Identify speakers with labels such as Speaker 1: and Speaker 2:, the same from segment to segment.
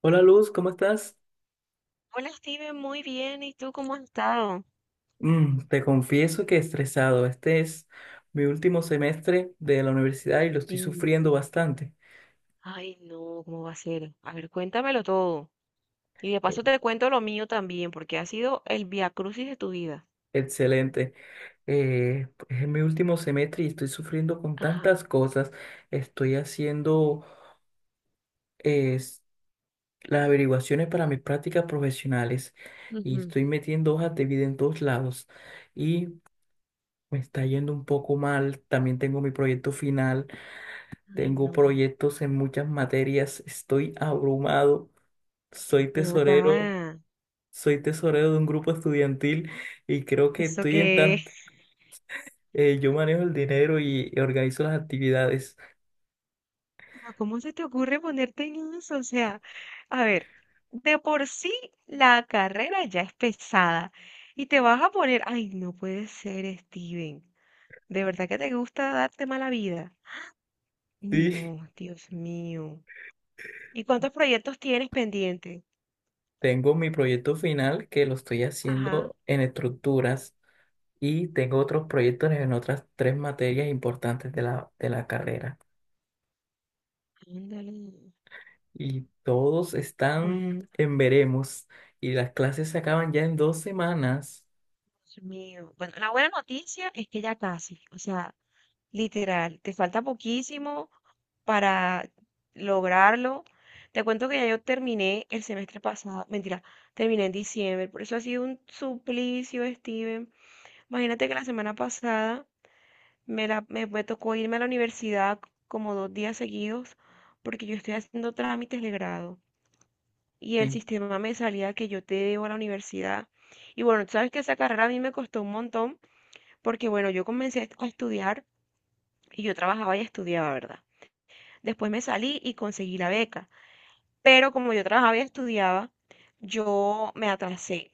Speaker 1: Hola Luz, ¿cómo estás?
Speaker 2: Hola Steven, muy bien. ¿Y tú cómo has estado?
Speaker 1: Te confieso que estresado. Este es mi último semestre de la universidad y lo estoy
Speaker 2: Sí.
Speaker 1: sufriendo bastante.
Speaker 2: Ay, no, ¿cómo va a ser? A ver, cuéntamelo todo. Y de
Speaker 1: Eh,
Speaker 2: paso te cuento lo mío también, porque ha sido el viacrucis de tu vida.
Speaker 1: Excelente. Pues, es mi último semestre y estoy sufriendo con
Speaker 2: Ajá.
Speaker 1: tantas cosas. Estoy haciendo eh, s- las averiguaciones para mis prácticas profesionales y
Speaker 2: Ujú.
Speaker 1: estoy metiendo hojas de vida en todos lados y me está yendo un poco mal. También tengo mi proyecto final.
Speaker 2: Ay,
Speaker 1: Tengo
Speaker 2: no.
Speaker 1: proyectos en muchas materias, estoy abrumado, soy
Speaker 2: Ven
Speaker 1: tesorero,
Speaker 2: acá.
Speaker 1: soy tesorero de un grupo estudiantil y creo que
Speaker 2: ¿Eso
Speaker 1: estoy en
Speaker 2: qué es?
Speaker 1: yo manejo el dinero y organizo las actividades.
Speaker 2: Pero, ¿cómo se te ocurre ponerte en eso? O sea, a ver, de por sí la carrera ya es pesada. Y te vas a poner, ay, no puede ser, Steven. De verdad que te gusta darte mala vida.
Speaker 1: Sí,
Speaker 2: No, Dios mío. ¿Y cuántos proyectos tienes pendiente?
Speaker 1: tengo mi proyecto final que lo estoy
Speaker 2: Ajá.
Speaker 1: haciendo en estructuras y tengo otros proyectos en otras tres materias importantes de la carrera.
Speaker 2: Ándale.
Speaker 1: Y todos
Speaker 2: Bueno,
Speaker 1: están en veremos y las clases se acaban ya en 2 semanas.
Speaker 2: Dios mío. Bueno, la buena noticia es que ya casi, o sea, literal, te falta poquísimo para lograrlo. Te cuento que ya yo terminé el semestre pasado, mentira, terminé en diciembre, por eso ha sido un suplicio, Steven. Imagínate que la semana pasada me tocó irme a la universidad como 2 días seguidos porque yo estoy haciendo trámites de grado. Y el
Speaker 1: Sí.
Speaker 2: sistema me salía que yo te debo a la universidad. Y bueno, tú sabes que esa carrera a mí me costó un montón porque bueno, yo comencé a estudiar y yo trabajaba y estudiaba, ¿verdad? Después me salí y conseguí la beca, pero como yo trabajaba y estudiaba, yo me atrasé.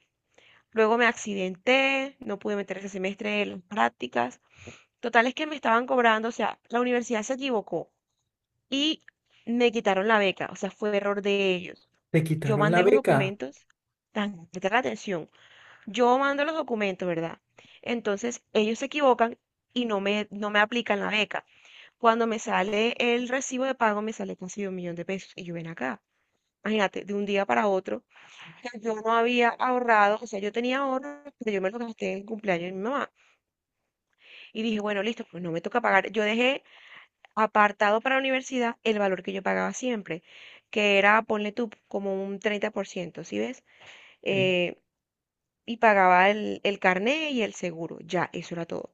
Speaker 2: Luego me accidenté, no pude meter ese semestre en las prácticas. Total es que me estaban cobrando, o sea, la universidad se equivocó y me quitaron la beca, o sea, fue error de ellos.
Speaker 1: Te
Speaker 2: Yo
Speaker 1: quitaron la
Speaker 2: mandé los
Speaker 1: beca.
Speaker 2: documentos, tan, presta atención. Yo mando los documentos, ¿verdad? Entonces ellos se equivocan y no me aplican la beca. Cuando me sale el recibo de pago, me sale casi 1.000.000 de pesos. Y yo ven acá. Imagínate, de un día para otro, que yo no había ahorrado, o sea, yo tenía ahorro, pero yo me lo gasté en el cumpleaños de mi mamá. Y dije, bueno, listo, pues no me toca pagar. Yo dejé apartado para la universidad el valor que yo pagaba siempre, que era, ponle tú, como un 30%, ¿sí ves?
Speaker 1: Sí.
Speaker 2: Eh, y pagaba el carné y el seguro, ya, eso era todo.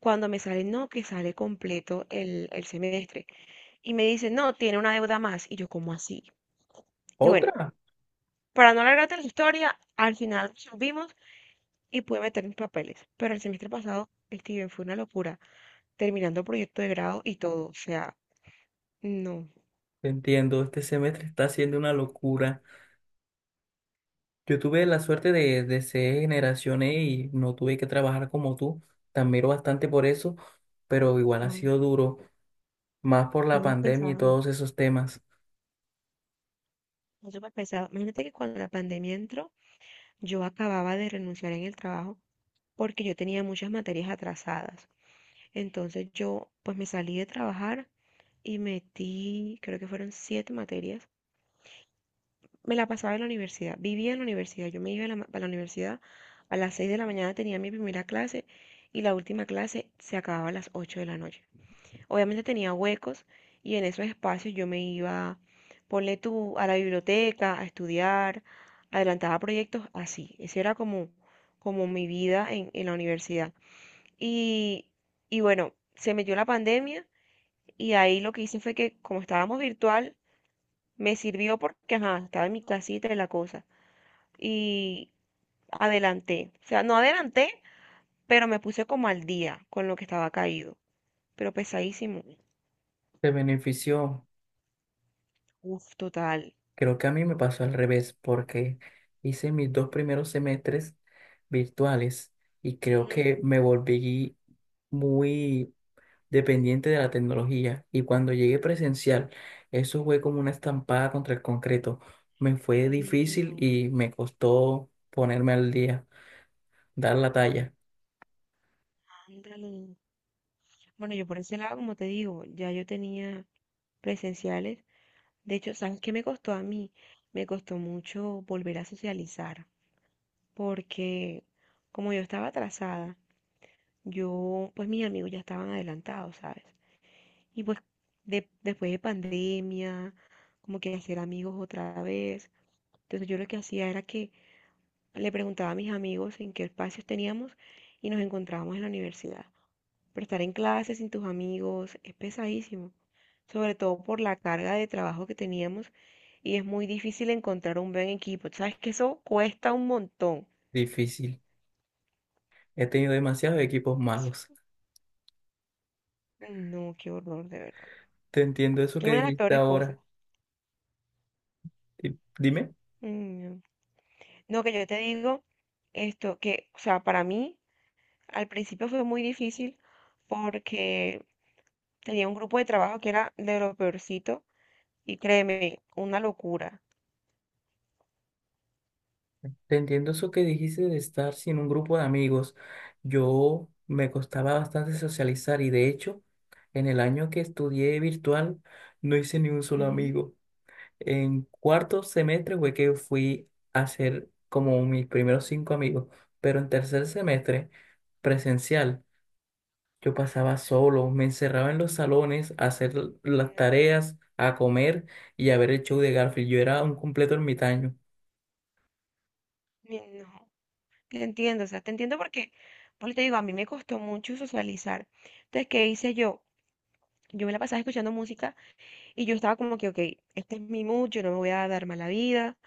Speaker 2: Cuando me sale, no, que sale completo el semestre. Y me dice, no, tiene una deuda más. Y yo, ¿cómo así? Y bueno,
Speaker 1: Otra.
Speaker 2: para no alargarte la historia, al final subimos y pude meter mis papeles. Pero el semestre pasado, Steven, fue una locura, terminando proyecto de grado y todo. O sea, no,
Speaker 1: Te entiendo, este semestre está siendo una locura. Yo tuve la suerte de ser generación E y no tuve que trabajar como tú. Te admiro bastante por eso, pero igual ha
Speaker 2: no,
Speaker 1: sido duro, más por
Speaker 2: sí
Speaker 1: la
Speaker 2: muy
Speaker 1: pandemia y
Speaker 2: pesado,
Speaker 1: todos esos temas.
Speaker 2: fue súper pesado. Imagínate que cuando la pandemia entró, yo acababa de renunciar en el trabajo porque yo tenía muchas materias atrasadas. Entonces yo, pues me salí de trabajar y metí, creo que fueron siete materias. Me la pasaba en la universidad, vivía en la universidad. Yo me iba a la universidad a las 6 de la mañana, tenía mi primera clase y la última clase se acababa a las 8 de la noche. Obviamente tenía huecos y en esos espacios yo me iba, ponle tú, a la biblioteca, a estudiar, adelantaba proyectos así. Esa era como, como mi vida en la universidad. Y, y bueno, se metió la pandemia y ahí lo que hice fue que como estábamos virtual, me sirvió porque, ajá, estaba en mi casita y la cosa. Y adelanté. O sea, no adelanté, pero me puse como al día con lo que estaba caído. Pero pesadísimo.
Speaker 1: Te benefició.
Speaker 2: Uf, total.
Speaker 1: Creo que a mí me pasó al revés, porque hice mis dos primeros semestres virtuales y creo
Speaker 2: Ujú.
Speaker 1: que me volví muy dependiente de la tecnología. Y cuando llegué presencial, eso fue como una estampada contra el concreto. Me fue
Speaker 2: Dios
Speaker 1: difícil
Speaker 2: mío.
Speaker 1: y me costó ponerme al día, dar la talla.
Speaker 2: Ándale. Bueno, yo por ese lado, como te digo, ya yo tenía presenciales. De hecho, ¿sabes qué me costó a mí? Me costó mucho volver a socializar, porque como yo estaba atrasada, yo, pues mis amigos ya estaban adelantados, ¿sabes? Y pues después de pandemia, como que hacer amigos otra vez. Entonces yo lo que hacía era que le preguntaba a mis amigos en qué espacios teníamos y nos encontrábamos en la universidad. Pero estar en clase sin tus amigos es pesadísimo, sobre todo por la carga de trabajo que teníamos y es muy difícil encontrar un buen equipo. Sabes que eso cuesta un montón.
Speaker 1: Difícil. He tenido demasiados equipos malos.
Speaker 2: No, qué horror, de verdad.
Speaker 1: Te entiendo eso
Speaker 2: Es
Speaker 1: que
Speaker 2: una de las
Speaker 1: dijiste
Speaker 2: peores cosas.
Speaker 1: ahora. Dime.
Speaker 2: Mm, No, que yo te digo esto, que, o sea, para mí al principio fue muy difícil porque tenía un grupo de trabajo que era de lo peorcito y créeme, una locura.
Speaker 1: Te entiendo eso que dijiste de estar sin un grupo de amigos. Yo me costaba bastante socializar y de hecho, en el año que estudié virtual, no hice ni un solo
Speaker 2: Ujú.
Speaker 1: amigo. En cuarto semestre fue que fui a hacer como mis primeros cinco amigos, pero en tercer semestre presencial yo pasaba solo, me encerraba en los salones a hacer las
Speaker 2: No,
Speaker 1: tareas, a comer y a ver el show de Garfield. Yo era un completo ermitaño,
Speaker 2: no, te entiendo, o sea, te entiendo porque, pues te digo, a mí me costó mucho socializar. Entonces, ¿qué hice yo? Yo me la pasaba escuchando música y yo estaba como que, ok, este es mi mood, yo no me voy a dar mala vida,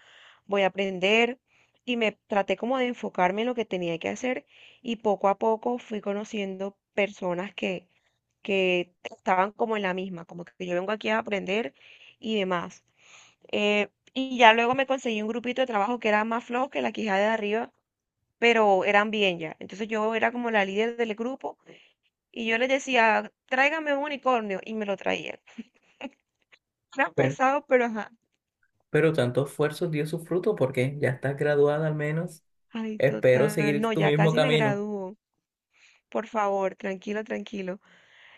Speaker 2: voy a aprender y me traté como de enfocarme en lo que tenía que hacer y poco a poco fui conociendo personas que estaban como en la misma, como que yo vengo aquí a aprender y demás. Y ya luego me conseguí un grupito de trabajo que era más flojo que la quijada de arriba, pero eran bien ya. Entonces yo era como la líder del grupo y yo les decía, tráigame un unicornio y me lo traían. Era
Speaker 1: pero,
Speaker 2: pesado, pero ajá.
Speaker 1: pero tanto esfuerzo dio su fruto porque ya estás graduada al menos.
Speaker 2: Ay,
Speaker 1: Espero
Speaker 2: total.
Speaker 1: seguir
Speaker 2: No,
Speaker 1: tu
Speaker 2: ya
Speaker 1: mismo
Speaker 2: casi me
Speaker 1: camino.
Speaker 2: gradúo. Por favor, tranquilo, tranquilo.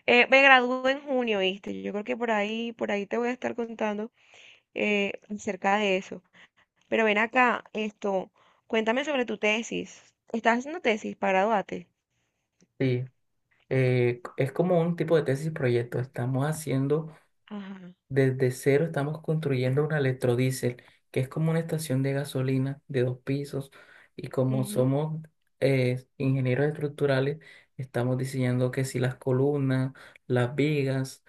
Speaker 2: Me gradúo en junio, ¿viste? Yo creo que por ahí te voy a estar contando acerca de eso. Pero ven acá, esto, cuéntame sobre tu tesis. ¿Estás haciendo tesis para graduarte?
Speaker 1: Sí, es como un tipo de tesis proyecto. Estamos haciendo
Speaker 2: Ajá.
Speaker 1: Desde cero estamos construyendo una electrodiesel, que es como una estación de gasolina de dos pisos. Y como
Speaker 2: Ujú.
Speaker 1: somos ingenieros estructurales, estamos diseñando que si las columnas, las vigas,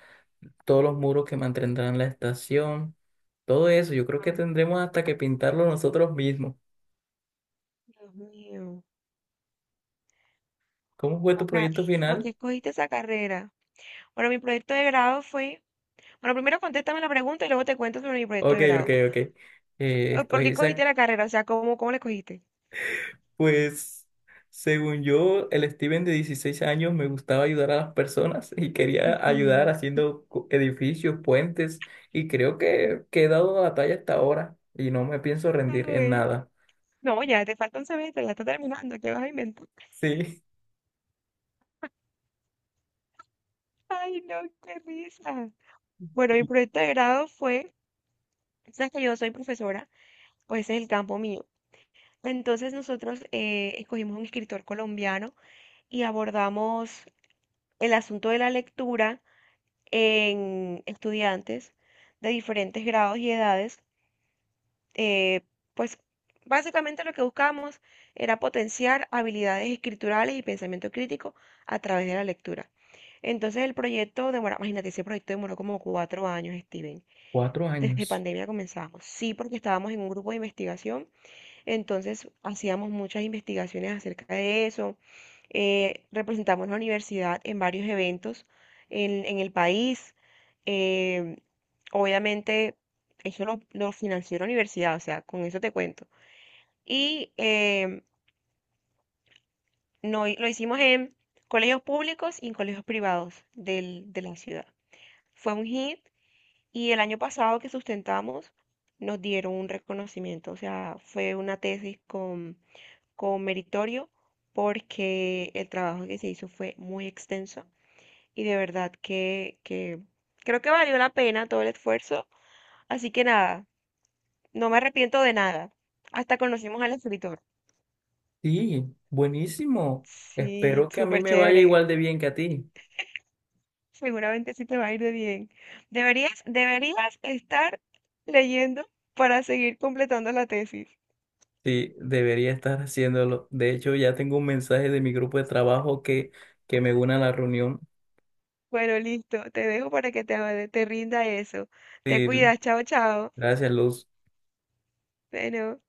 Speaker 1: todos los muros que mantendrán la estación, todo eso, yo creo que
Speaker 2: Mm.
Speaker 1: tendremos hasta que pintarlo nosotros mismos.
Speaker 2: Dios mío.
Speaker 1: ¿Cómo fue tu
Speaker 2: Acá,
Speaker 1: proyecto
Speaker 2: ¿y tú por
Speaker 1: final?
Speaker 2: qué escogiste esa carrera? Bueno, mi proyecto de grado fue... Bueno, primero contéstame la pregunta y luego te cuento sobre mi proyecto
Speaker 1: Ok,
Speaker 2: de
Speaker 1: ok,
Speaker 2: grado.
Speaker 1: ok.
Speaker 2: ¿Por qué
Speaker 1: Escogí
Speaker 2: escogiste
Speaker 1: esa
Speaker 2: la carrera? O sea, ¿cómo, cómo la escogiste?
Speaker 1: Pues, según yo, el Steven de 16 años me gustaba ayudar a las personas y quería ayudar
Speaker 2: Ujú.
Speaker 1: haciendo edificios, puentes, y creo que he dado la talla hasta ahora y no me pienso
Speaker 2: Ah,
Speaker 1: rendir en
Speaker 2: bueno.
Speaker 1: nada.
Speaker 2: No, ya te falta un semestre, la estás terminando, ¿qué vas a inventar?
Speaker 1: Sí.
Speaker 2: Ay, no, qué risa. Bueno, mi proyecto de grado fue, sabes que yo soy profesora, pues ese es el campo mío. Entonces nosotros escogimos un escritor colombiano y abordamos el asunto de la lectura en estudiantes de diferentes grados y edades. Eh, pues básicamente lo que buscábamos era potenciar habilidades escriturales y pensamiento crítico a través de la lectura. Entonces el proyecto demora, imagínate, ese proyecto demoró como 4 años, Steven.
Speaker 1: Cuatro
Speaker 2: Desde
Speaker 1: años.
Speaker 2: pandemia comenzamos. Sí, porque estábamos en un grupo de investigación, entonces hacíamos muchas investigaciones acerca de eso. Representamos la universidad en varios eventos en el país. Eh, obviamente, eso lo financió la universidad, o sea, con eso te cuento. Y no, lo hicimos en colegios públicos y en colegios privados de la ciudad. Fue un hit. Y el año pasado que sustentamos, nos dieron un reconocimiento, o sea, fue una tesis con meritorio porque el trabajo que se hizo fue muy extenso y de verdad que, creo que valió la pena todo el esfuerzo. Así que nada, no me arrepiento de nada. Hasta conocimos al escritor.
Speaker 1: Sí, buenísimo.
Speaker 2: Sí,
Speaker 1: Espero que a mí
Speaker 2: súper
Speaker 1: me vaya
Speaker 2: chévere.
Speaker 1: igual de bien que a ti.
Speaker 2: Seguramente sí te va a ir de bien. Deberías, deberías estar leyendo para seguir completando la tesis.
Speaker 1: Sí, debería estar haciéndolo. De hecho, ya tengo un mensaje de mi grupo de trabajo que me une a la reunión.
Speaker 2: Bueno, listo, te dejo para que te rinda eso. Te
Speaker 1: Sí,
Speaker 2: cuidas, chao, chao.
Speaker 1: gracias, Luz.
Speaker 2: Bueno.